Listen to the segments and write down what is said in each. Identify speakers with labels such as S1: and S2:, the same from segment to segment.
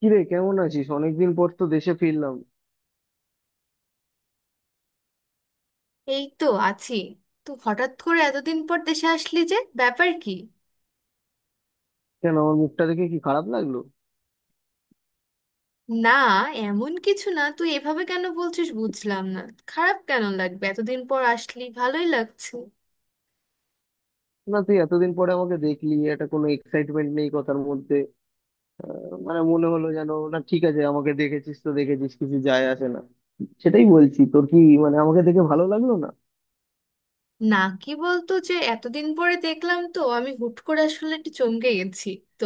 S1: কিরে, কেমন আছিস? অনেকদিন পর তো দেশে ফিরলাম।
S2: এই তো আছি। তো হঠাৎ করে এতদিন পর দেশে আসলি, যে ব্যাপার কি?
S1: কেন, আমার মুখটা দেখে কি খারাপ লাগলো?
S2: না, এমন কিছু না। তুই এভাবে কেন বলছিস, বুঝলাম না। খারাপ কেন লাগবে? এতদিন পর আসলি, ভালোই লাগছে।
S1: না, তুই এতদিন পরে আমাকে দেখলি, এটা কোনো এক্সাইটমেন্ট নেই কথার মধ্যে। মানে মনে হলো যেন, না ঠিক আছে আমাকে দেখেছিস তো দেখেছিস, কিছু যায় আসে না। সেটাই বলছি তোর কি, মানে আমাকে দেখে ভালো লাগলো না?
S2: না কি বলতো, যে এতদিন পরে দেখলাম তো আমি হুট করে আসলে একটু চমকে গেছি। তো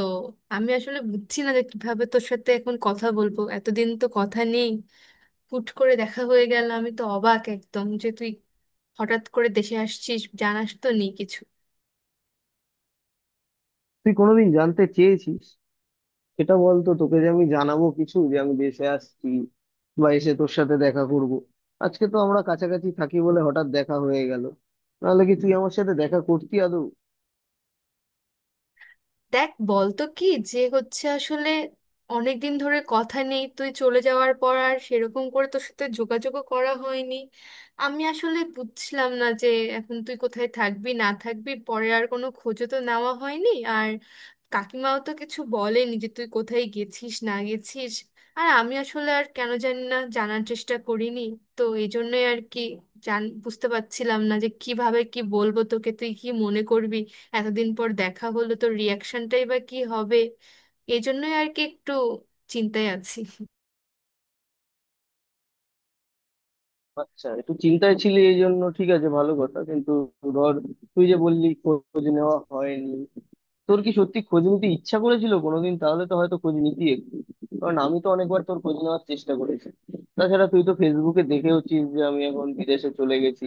S2: আমি আসলে বুঝছি না যে কিভাবে তোর সাথে এখন কথা বলবো, এতদিন তো কথা নেই। হুট করে দেখা হয়ে গেল, আমি তো অবাক একদম, যে তুই হঠাৎ করে দেশে আসছিস, জানাস তো নেই কিছু।
S1: তুই কোনোদিন জানতে চেয়েছিস? সেটা বলতো তোকে যে আমি জানাবো কিছু, যে আমি দেশে আসছি বা এসে তোর সাথে দেখা করব। আজকে তো আমরা কাছাকাছি থাকি বলে হঠাৎ দেখা হয়ে গেল, নাহলে কি তুই আমার সাথে দেখা করতি আদৌ?
S2: দেখ বলতো কি যে হচ্ছে আসলে। অনেকদিন ধরে কথা নেই, তুই চলে যাওয়ার পর আর সেরকম করে তোর সাথে যোগাযোগও করা হয়নি। আমি আসলে বুঝলাম না যে এখন তুই কোথায় থাকবি না থাকবি, পরে আর কোনো খোঁজও তো নেওয়া হয়নি। আর কাকিমাও তো কিছু বলেনি যে তুই কোথায় গেছিস না গেছিস। আর আমি আসলে আর কেন জানি না, জানার চেষ্টা করিনি। তো এই জন্যই আর কি, জান বুঝতে পারছিলাম না যে কিভাবে কি বলবো তোকে, তুই কি মনে করবি, এতদিন পর দেখা হলো তো রিয়াকশনটাই বা কি হবে। এই জন্যই আর কি একটু চিন্তায় আছি।
S1: আচ্ছা, একটু চিন্তায় ছিলি এই জন্য, ঠিক আছে ভালো কথা। কিন্তু ধর, তুই যে বললি খোঁজ নেওয়া হয়নি, তোর কি সত্যি খোঁজ নিতে ইচ্ছা করেছিল কোনোদিন? তাহলে তো হয়তো খোঁজ নিতি একটু। কারণ আমি তো অনেকবার তোর খোঁজ নেওয়ার চেষ্টা করেছি। তাছাড়া তুই তো ফেসবুকে দেখেওছিস যে আমি এখন বিদেশে চলে গেছি,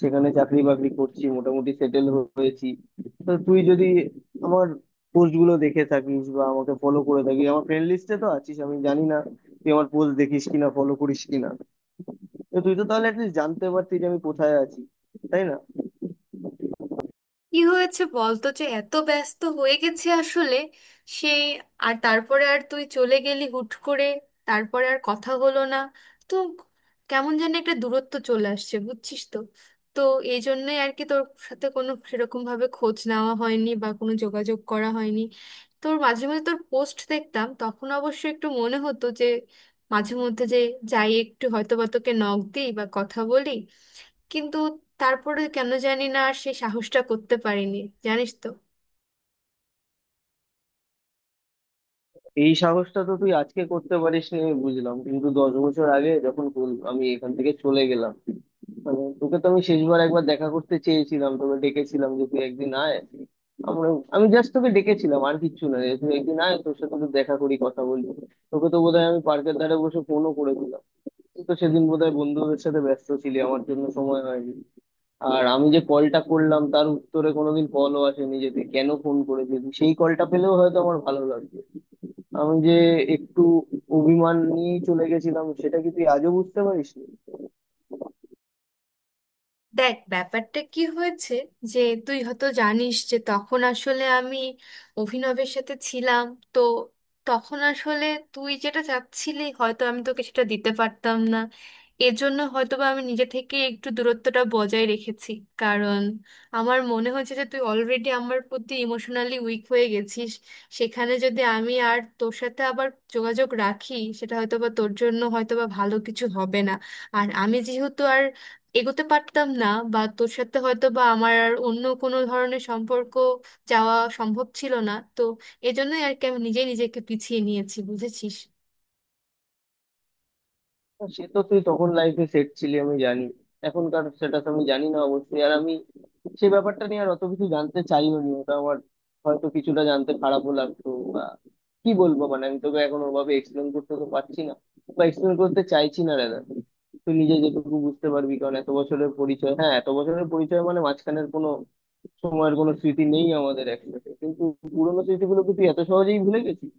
S1: সেখানে চাকরি বাকরি করছি, মোটামুটি সেটেল হয়েছি। তো তুই যদি আমার পোস্ট গুলো দেখে থাকিস বা আমাকে ফলো করে থাকিস, আমার ফ্রেন্ড লিস্টে তো আছিস, আমি জানি না তুই আমার পোস্ট দেখিস কিনা, ফলো করিস কিনা। তো তুই তো তাহলে অ্যাটলিস্ট জানতে পারতি যে আমি কোথায় আছি, তাই না?
S2: কি হয়েছে বলতো, যে এত ব্যস্ত হয়ে গেছে আসলে সেই। আর তারপরে আর তুই চলে গেলি হুট করে, তারপরে আর কথা হলো না। তো কেমন যেন একটা দূরত্ব চলে আসছে, বুঝছিস তো। তো এই জন্যই আর কি তোর সাথে কোনো সেরকম ভাবে খোঁজ নেওয়া হয়নি বা কোনো যোগাযোগ করা হয়নি। তোর মাঝে মাঝে তোর পোস্ট দেখতাম, তখন অবশ্য একটু মনে হতো যে মাঝে মধ্যে যে যাই একটু হয়তো বা তোকে নক দিই বা কথা বলি, কিন্তু তারপরে কেন জানি না আর সেই সাহসটা করতে পারিনি, জানিস তো।
S1: এই সাহসটা তো তুই আজকে করতে পারিস নি আমি বুঝলাম, কিন্তু 10 বছর আগে যখন আমি এখান থেকে চলে গেলাম, মানে তোকে তো আমি শেষবার একবার দেখা করতে চেয়েছিলাম, তোকে ডেকেছিলাম যে তুই একদিন আয়, আমরা, আমি জাস্ট তোকে ডেকেছিলাম আর কিচ্ছু না, যে তুই একদিন আয়, তোর সাথে একটু দেখা করি, কথা বলি। তোকে তো বোধহয় আমি পার্কের ধারে বসে ফোনও করেছিলাম, তুই তো সেদিন বোধহয় বন্ধুদের সাথে ব্যস্ত ছিলি, আমার জন্য সময় হয়নি। আর আমি যে কলটা করলাম তার উত্তরে কোনোদিন কলও আসেনি, যে তুই কেন ফোন করেছিস, সেই কলটা পেলেও হয়তো আমার ভালো লাগবে। আমি যে একটু অভিমান নিয়েই চলে গেছিলাম সেটা কি তুই আজও বুঝতে পারিস নি?
S2: দেখ ব্যাপারটা কি হয়েছে যে তুই হয়তো জানিস যে তখন আসলে আমি অভিনবের সাথে ছিলাম। তো তখন আসলে তুই যেটা চাচ্ছিলি হয়তো আমি তোকে সেটা দিতে পারতাম না। এর জন্য হয়তো বা আমি নিজে থেকে একটু দূরত্বটা বজায় রেখেছি। কারণ আমার মনে হয়েছে যে তুই অলরেডি আমার প্রতি ইমোশনালি উইক হয়ে গেছিস। সেখানে যদি আমি আর তোর সাথে আবার যোগাযোগ রাখি, সেটা হয়তো বা তোর জন্য হয়তো বা ভালো কিছু হবে না। আর আমি যেহেতু আর এগোতে পারতাম না বা তোর সাথে হয়তো বা আমার আর অন্য কোনো ধরনের সম্পর্ক যাওয়া সম্ভব ছিল না, তো এজন্যই আর কি আমি নিজে নিজেকে পিছিয়ে নিয়েছি, বুঝেছিস।
S1: সে তো তুই তখন লাইফে সেট ছিলি আমি জানি, এখনকার স্ট্যাটাস আমি জানি না অবশ্যই। আর আমি সে ব্যাপারটা নিয়ে আর অত কিছু জানতে চাইও নি, ওটা আমার হয়তো কিছুটা জানতে খারাপও লাগতো। বা কি বলবো, মানে আমি তোকে এখন ওভাবে এক্সপ্লেন করতে তো পারছি না, বা এক্সপ্লেন করতে চাইছি না দাদা। তুই নিজে যেটুকু বুঝতে পারবি, কারণ এত বছরের পরিচয়, হ্যাঁ এত বছরের পরিচয়, মানে মাঝখানের কোনো সময়ের কোনো স্মৃতি নেই আমাদের একসাথে, কিন্তু পুরোনো স্মৃতিগুলোকে তুই এত সহজেই ভুলে গেছিস।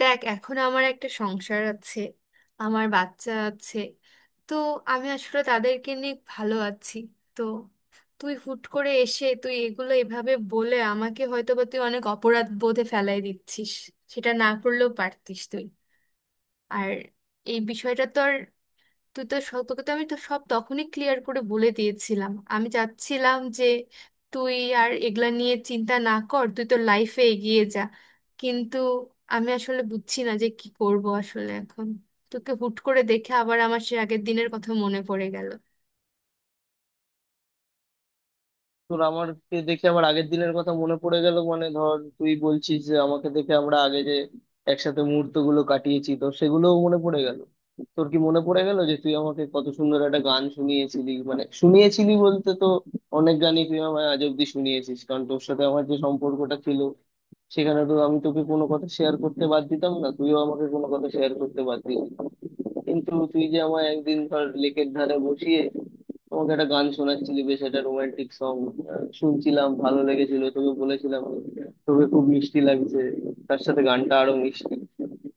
S2: দেখ, এখন আমার একটা সংসার আছে, আমার বাচ্চা আছে। তো আমি আসলে তাদেরকে নিয়ে ভালো আছি। তো তুই হুট করে এসে তুই এগুলো এভাবে বলে আমাকে হয়তো বা তুই অনেক অপরাধ বোধে ফেলাই দিচ্ছিস। সেটা না করলেও পারতিস তুই। আর এই বিষয়টা তো আর তোকে তো আমি তো সব তখনই ক্লিয়ার করে বলে দিয়েছিলাম। আমি চাচ্ছিলাম যে তুই আর এগুলা নিয়ে চিন্তা না কর, তুই তো লাইফে এগিয়ে যা। কিন্তু আমি আসলে বুঝছি না যে কি করব আসলে এখন, তোকে হুট করে দেখে আবার আমার সে আগের দিনের কথা মনে পড়ে গেল।
S1: তোর আমাকে দেখে আমার আগের দিনের কথা মনে পড়ে গেল মানে, ধর তুই বলছিস যে আমাকে দেখে আমরা আগে যে একসাথে মুহূর্ত গুলো কাটিয়েছি তো সেগুলোও মনে পড়ে গেল। তোর কি মনে পড়ে গেল যে তুই আমাকে কত সুন্দর একটা গান শুনিয়েছিলি, মানে শুনিয়েছিলি বলতে তো অনেক গানই তুই আমায় আজ অব্দি শুনিয়েছিস, কারণ তোর সাথে আমার যে সম্পর্কটা ছিল সেখানে তো আমি তোকে কোনো কথা শেয়ার করতে বাদ দিতাম না, তুইও আমাকে কোনো কথা শেয়ার করতে বাদ দিতি না। কিন্তু তুই যে আমায় একদিন ধর লেকের ধারে বসিয়ে তোমাকে একটা গান শোনাচ্ছিলি, বেশ একটা রোমান্টিক সং শুনছিলাম, ভালো লেগেছিল, তোকে বলেছিলাম তোকে খুব মিষ্টি লাগছে, তার সাথে গানটা আরো মিষ্টি,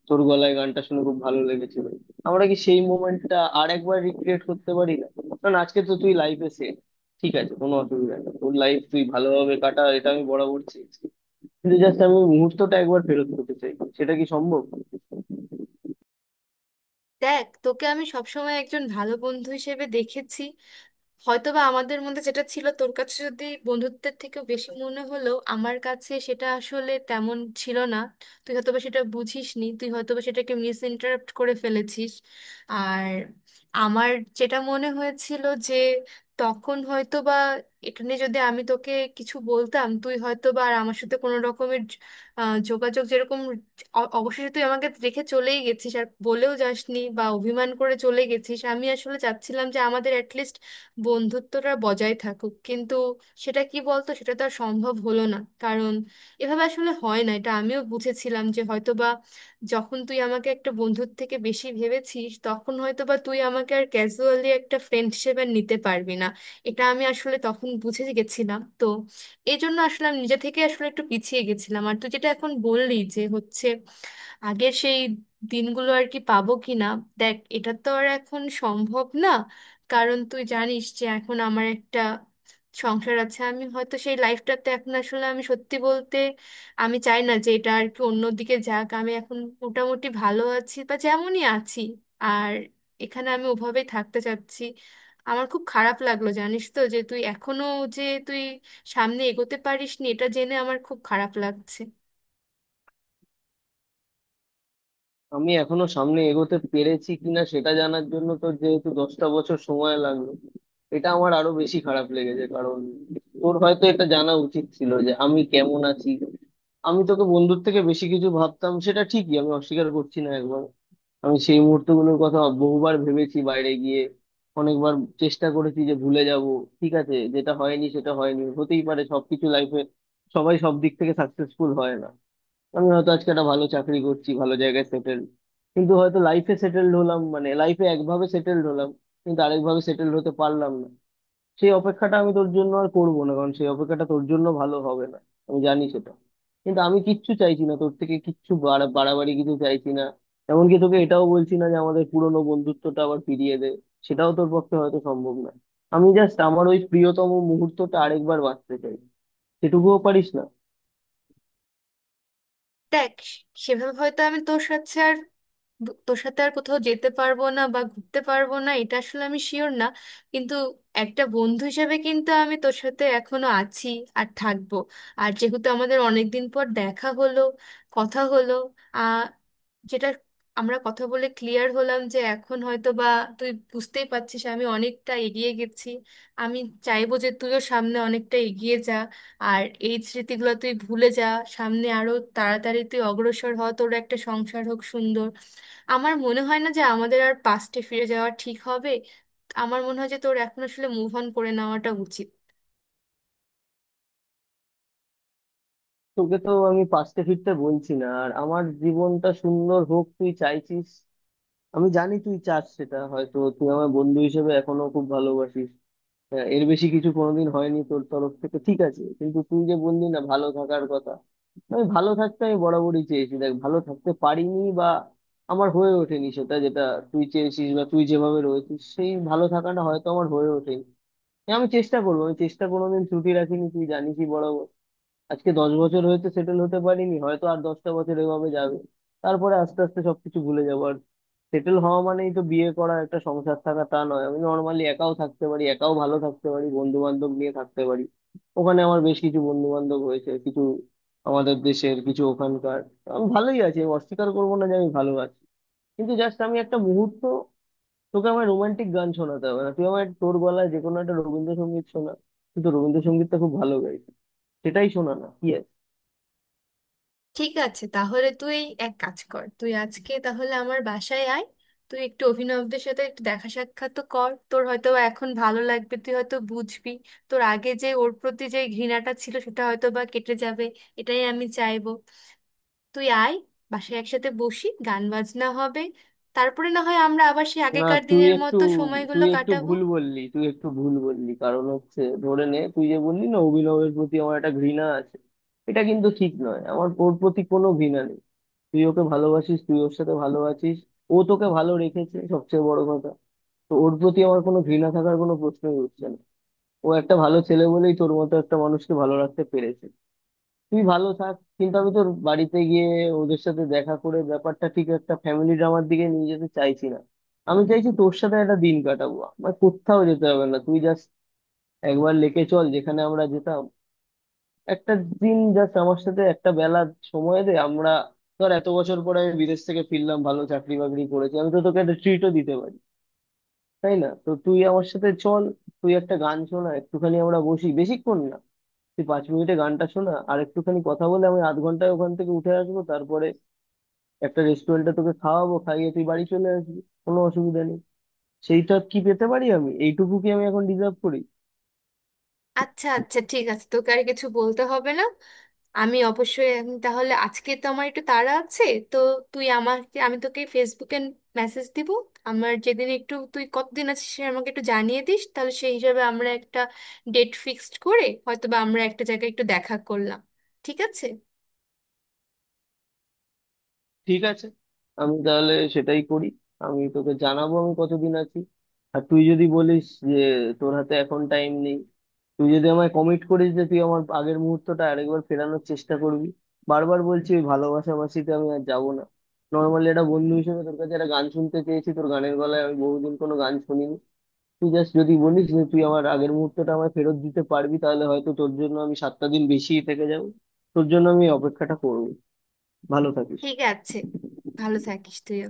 S1: তোর গলায় গানটা শুনে খুব ভালো লেগেছিল। আমরা কি সেই মোমেন্টটা আর একবার রিক্রিয়েট করতে পারি না? কারণ আজকে তো তুই লাইফে সেট, ঠিক আছে কোনো অসুবিধা নেই, তোর লাইফ তুই ভালোভাবে কাটা, এটা আমি বরাবর চেয়েছি। কিন্তু জাস্ট আমি মুহূর্তটা একবার ফেরত করতে চাই, সেটা কি সম্ভব?
S2: দেখ তোকে আমি সবসময় একজন ভালো বন্ধু হিসেবে দেখেছি। হয়তোবা আমাদের মধ্যে যেটা ছিল তোর কাছে যদি বন্ধুত্বের থেকেও বেশি মনে হলো, আমার কাছে সেটা আসলে তেমন ছিল না। তুই হয়তোবা সেটা বুঝিসনি, তুই হয়তোবা সেটাকে মিস ইন্টারপ্ট করে ফেলেছিস। আর আমার যেটা মনে হয়েছিল যে তখন হয়তোবা এখানে যদি আমি তোকে কিছু বলতাম, তুই হয়তোবা আর আমার সাথে কোনো রকমের যোগাযোগ যেরকম, অবশেষে তুই আমাকে রেখে চলেই গেছিস, আর বলেও যাসনি বা অভিমান করে চলে গেছিস। আমি আসলে চাচ্ছিলাম যে আমাদের অ্যাটলিস্ট বন্ধুত্বটা বজায় থাকুক, কিন্তু সেটা কি বলতো, সেটা তো আর সম্ভব হলো না। কারণ এভাবে আসলে হয় না, এটা আমিও বুঝেছিলাম যে হয়তো বা যখন তুই আমাকে একটা বন্ধুর থেকে বেশি ভেবেছিস, তখন হয়তো বা তুই আমাকে আর ক্যাজুয়ালি একটা ফ্রেন্ড হিসেবে আর নিতে পারবি না। এটা আমি আসলে তখন বুঝে গেছিলাম। তো এই জন্য আসলে আমি নিজে থেকে আসলে একটু পিছিয়ে গেছিলাম। আর তুই যেটা এখন বললি যে হচ্ছে আগের সেই দিনগুলো আর কি পাবো কি না, দেখ এটা তো আর এখন সম্ভব না। কারণ তুই জানিস যে এখন আমার একটা সংসার আছে, আমি হয়তো সেই লাইফটাতে এখন আসলে আমি সত্যি বলতে আমি চাই না যে এটা আর কি অন্যদিকে যাক। আমি এখন মোটামুটি ভালো আছি বা যেমনই আছি, আর এখানে আমি ওভাবেই থাকতে চাচ্ছি। আমার খুব খারাপ লাগলো জানিস তো, যে তুই এখনো যে তুই সামনে এগোতে পারিসনি, এটা জেনে আমার খুব খারাপ লাগছে।
S1: আমি এখনো সামনে এগোতে পেরেছি কিনা সেটা জানার জন্য তোর যেহেতু 10টা বছর সময় লাগলো, এটা আমার আরো বেশি খারাপ লেগেছে, কারণ তোর হয়তো এটা জানা উচিত ছিল যে আমি কেমন আছি। আমি তোকে বন্ধুর থেকে বেশি কিছু ভাবতাম, সেটা ঠিকই, আমি অস্বীকার করছি না একবার। আমি সেই মুহূর্তগুলোর কথা বহুবার ভেবেছি বাইরে গিয়ে, অনেকবার চেষ্টা করেছি যে ভুলে যাব। ঠিক আছে, যেটা হয়নি সেটা হয়নি, হতেই পারে, সবকিছু লাইফে সবাই সব দিক থেকে সাকসেসফুল হয় না। আমি হয়তো আজকে একটা ভালো চাকরি করছি, ভালো জায়গায় সেটেল, কিন্তু হয়তো লাইফে সেটেলড হলাম মানে লাইফে একভাবে সেটেলড হলাম, কিন্তু আরেকভাবে সেটেলড হতে পারলাম না। সেই অপেক্ষাটা আমি তোর জন্য আর করবো না, কারণ সেই অপেক্ষাটা তোর জন্য ভালো হবে না, আমি জানি সেটা। কিন্তু আমি কিচ্ছু চাইছি না তোর থেকে, কিচ্ছু বাড়াবাড়ি কিছু চাইছি না। এমনকি তোকে এটাও বলছি না যে আমাদের পুরোনো বন্ধুত্বটা আবার ফিরিয়ে দে, সেটাও তোর পক্ষে হয়তো সম্ভব না। আমি জাস্ট আমার ওই প্রিয়তম মুহূর্তটা আরেকবার বাঁচতে চাই, সেটুকুও পারিস না?
S2: দেখ, সেভাবে হয়তো আমি তোর সাথে আর তোর সাথে আর কোথাও যেতে পারবো না বা ঘুরতে পারবো না, এটা আসলে আমি শিওর না। কিন্তু একটা বন্ধু হিসেবে কিন্তু আমি তোর সাথে এখনো আছি আর থাকবো। আর যেহেতু আমাদের অনেক দিন পর দেখা হলো, কথা হলো, আহ যেটা আমরা কথা বলে ক্লিয়ার হলাম যে এখন হয়তো বা তুই বুঝতেই পারছিস আমি অনেকটা এগিয়ে গেছি। আমি চাইবো যে তুইও সামনে অনেকটা এগিয়ে যা, আর এই স্মৃতিগুলো তুই ভুলে যা। সামনে আরো তাড়াতাড়ি তুই অগ্রসর হ, তোর একটা সংসার হোক সুন্দর। আমার মনে হয় না যে আমাদের আর পাস্টে ফিরে যাওয়া ঠিক হবে। আমার মনে হয় যে তোর এখন আসলে মুভ অন করে নেওয়াটা উচিত।
S1: তোকে তো আমি পাশতে ফিরতে বলছি না, আর আমার জীবনটা সুন্দর হোক তুই চাইছিস, আমি জানি তুই চাস, সেটা হয়তো তুই আমার বন্ধু হিসেবে এখনো খুব ভালোবাসিস। হ্যাঁ, এর বেশি কিছু কোনোদিন হয়নি তোর তরফ থেকে, ঠিক আছে। কিন্তু তুই যে বললি না, ভালো থাকার কথা, আমি ভালো থাকতে আমি বরাবরই চেয়েছি, দেখ ভালো থাকতে পারিনি, বা আমার হয়ে ওঠেনি সেটা, যেটা তুই চেয়েছিস বা তুই যেভাবে রয়েছিস সেই ভালো থাকাটা হয়তো আমার হয়ে ওঠেনি। আমি চেষ্টা করবো, আমি চেষ্টা কোনোদিন ত্রুটি রাখিনি তুই জানিসই বরাবর। আজকে 10 বছর হয়েছে সেটেল হতে পারিনি, হয়তো আর 10টা বছর এভাবে যাবে, তারপরে আস্তে আস্তে সবকিছু ভুলে যাবো। আর সেটেল হওয়া মানেই তো বিয়ে করা, একটা সংসার থাকা তা নয়, আমি নর্মালি একাও থাকতে পারি, একাও ভালো থাকতে পারি, বন্ধু বান্ধব নিয়ে থাকতে পারি। ওখানে আমার বেশ কিছু বন্ধু বান্ধব হয়েছে, কিছু আমাদের দেশের, কিছু ওখানকার। আমি ভালোই আছি, আমি অস্বীকার করবো না যে আমি ভালো আছি। কিন্তু জাস্ট আমি একটা মুহূর্ত, তোকে আমার রোমান্টিক গান শোনাতে হবে না, তুই আমার, তোর গলায় যে কোনো একটা রবীন্দ্রসঙ্গীত শোনা। কিন্তু রবীন্দ্রসঙ্গীতটা খুব ভালো গাইছিস, সেটাই শোনা না কি?
S2: ঠিক আছে, তাহলে তুই এক কাজ কর, তুই আজকে তাহলে আমার বাসায় আয়। তুই একটু অভিনবদের সাথে একটু দেখা সাক্ষাৎ তো কর, তোর হয়তো বা এখন ভালো লাগবে, তুই হয়তো বুঝবি, তোর আগে যে ওর প্রতি যে ঘৃণাটা ছিল সেটা হয়তো বা কেটে যাবে। এটাই আমি চাইবো। তুই আয় বাসায়, একসাথে বসি, গান বাজনা হবে। তারপরে না হয় আমরা আবার সেই
S1: না,
S2: আগেকার
S1: তুই
S2: দিনের
S1: একটু,
S2: মতো
S1: তুই
S2: সময়গুলো
S1: একটু
S2: কাটাবো।
S1: ভুল বললি, তুই একটু ভুল বললি, কারণ হচ্ছে ধরে নে তুই যে বললি না অভিনবের প্রতি আমার একটা ঘৃণা আছে, এটা কিন্তু ঠিক নয়, আমার ওর প্রতি কোনো ঘৃণা নেই। তুই ওকে ভালোবাসিস, তুই ওর সাথে ভালো আছিস, ও তোকে ভালো রেখেছে, সবচেয়ে বড় কথা। তো ওর প্রতি আমার কোনো ঘৃণা থাকার কোনো প্রশ্নই উঠছে না, ও একটা ভালো ছেলে বলেই তোর মতো একটা মানুষকে ভালো রাখতে পেরেছে। তুই ভালো থাক, কিন্তু আমি তোর বাড়িতে গিয়ে ওদের সাথে দেখা করে ব্যাপারটা ঠিক একটা ফ্যামিলি ড্রামার দিকে নিয়ে যেতে চাইছি না। আমি চাইছি তোর সাথে একটা দিন কাটাবো, আমার কোথাও যেতে হবে না, তুই জাস্ট একবার লেকে চল, যেখানে আমরা যেতাম। একটা দিন জাস্ট আমার সাথে একটা বেলা সময় দে। আমরা, ধর এত বছর পরে আমি বিদেশ থেকে ফিরলাম, ভালো চাকরি বাকরি করেছি, আমি তো তোকে একটা ট্রিটও দিতে পারি তাই না? তো তুই আমার সাথে চল, তুই একটা গান শোনা একটুখানি, আমরা বসি বেশিক্ষণ না, তুই 5 মিনিটে গানটা শোনা আর একটুখানি কথা বলে আমি আধ ঘন্টায় ওখান থেকে উঠে আসবো, তারপরে একটা রেস্টুরেন্টে তোকে খাওয়াবো, খাইয়ে তুই বাড়ি চলে আসবি, কোনো অসুবিধা নেই। সেইটা কি পেতে পারি আমি? এইটুকু কি আমি এখন ডিজার্ভ করি?
S2: আচ্ছা আচ্ছা, ঠিক আছে, তোকে আর কিছু বলতে হবে না। আমি অবশ্যই, আমি তাহলে আজকে তো আমার একটু তাড়া আছে। তো তুই আমাকে, আমি তোকে ফেসবুকে মেসেজ দিব। আমার যেদিন একটু, তুই কতদিন আছিস সে আমাকে একটু জানিয়ে দিস, তাহলে সেই হিসাবে আমরা একটা ডেট ফিক্সড করে হয়তো বা আমরা একটা জায়গায় একটু দেখা করলাম। ঠিক আছে?
S1: ঠিক আছে, আমি তাহলে সেটাই করি, আমি তোকে জানাবো আমি কতদিন আছি। আর তুই যদি বলিস যে তোর হাতে এখন টাইম নেই, তুই যদি আমায় কমিট করিস যে তুই আমার আগের মুহূর্তটা আরেকবার ফেরানোর চেষ্টা করবি, বারবার বলছি ওই ভালোবাসাবাসিতে আমি আর যাবো না, নর্মালি একটা বন্ধু হিসেবে তোর কাছে একটা গান শুনতে চেয়েছি, তোর গানের গলায় আমি বহুদিন কোনো গান শুনিনি। তুই জাস্ট যদি বলিস যে তুই আমার আগের মুহূর্তটা আমায় ফেরত দিতে পারবি, তাহলে হয়তো তোর জন্য আমি 7টা দিন বেশি থেকে যাবো, তোর জন্য আমি এই অপেক্ষাটা করবো। ভালো থাকিস।
S2: ঠিক আছে, ভালো থাকিস তুইও।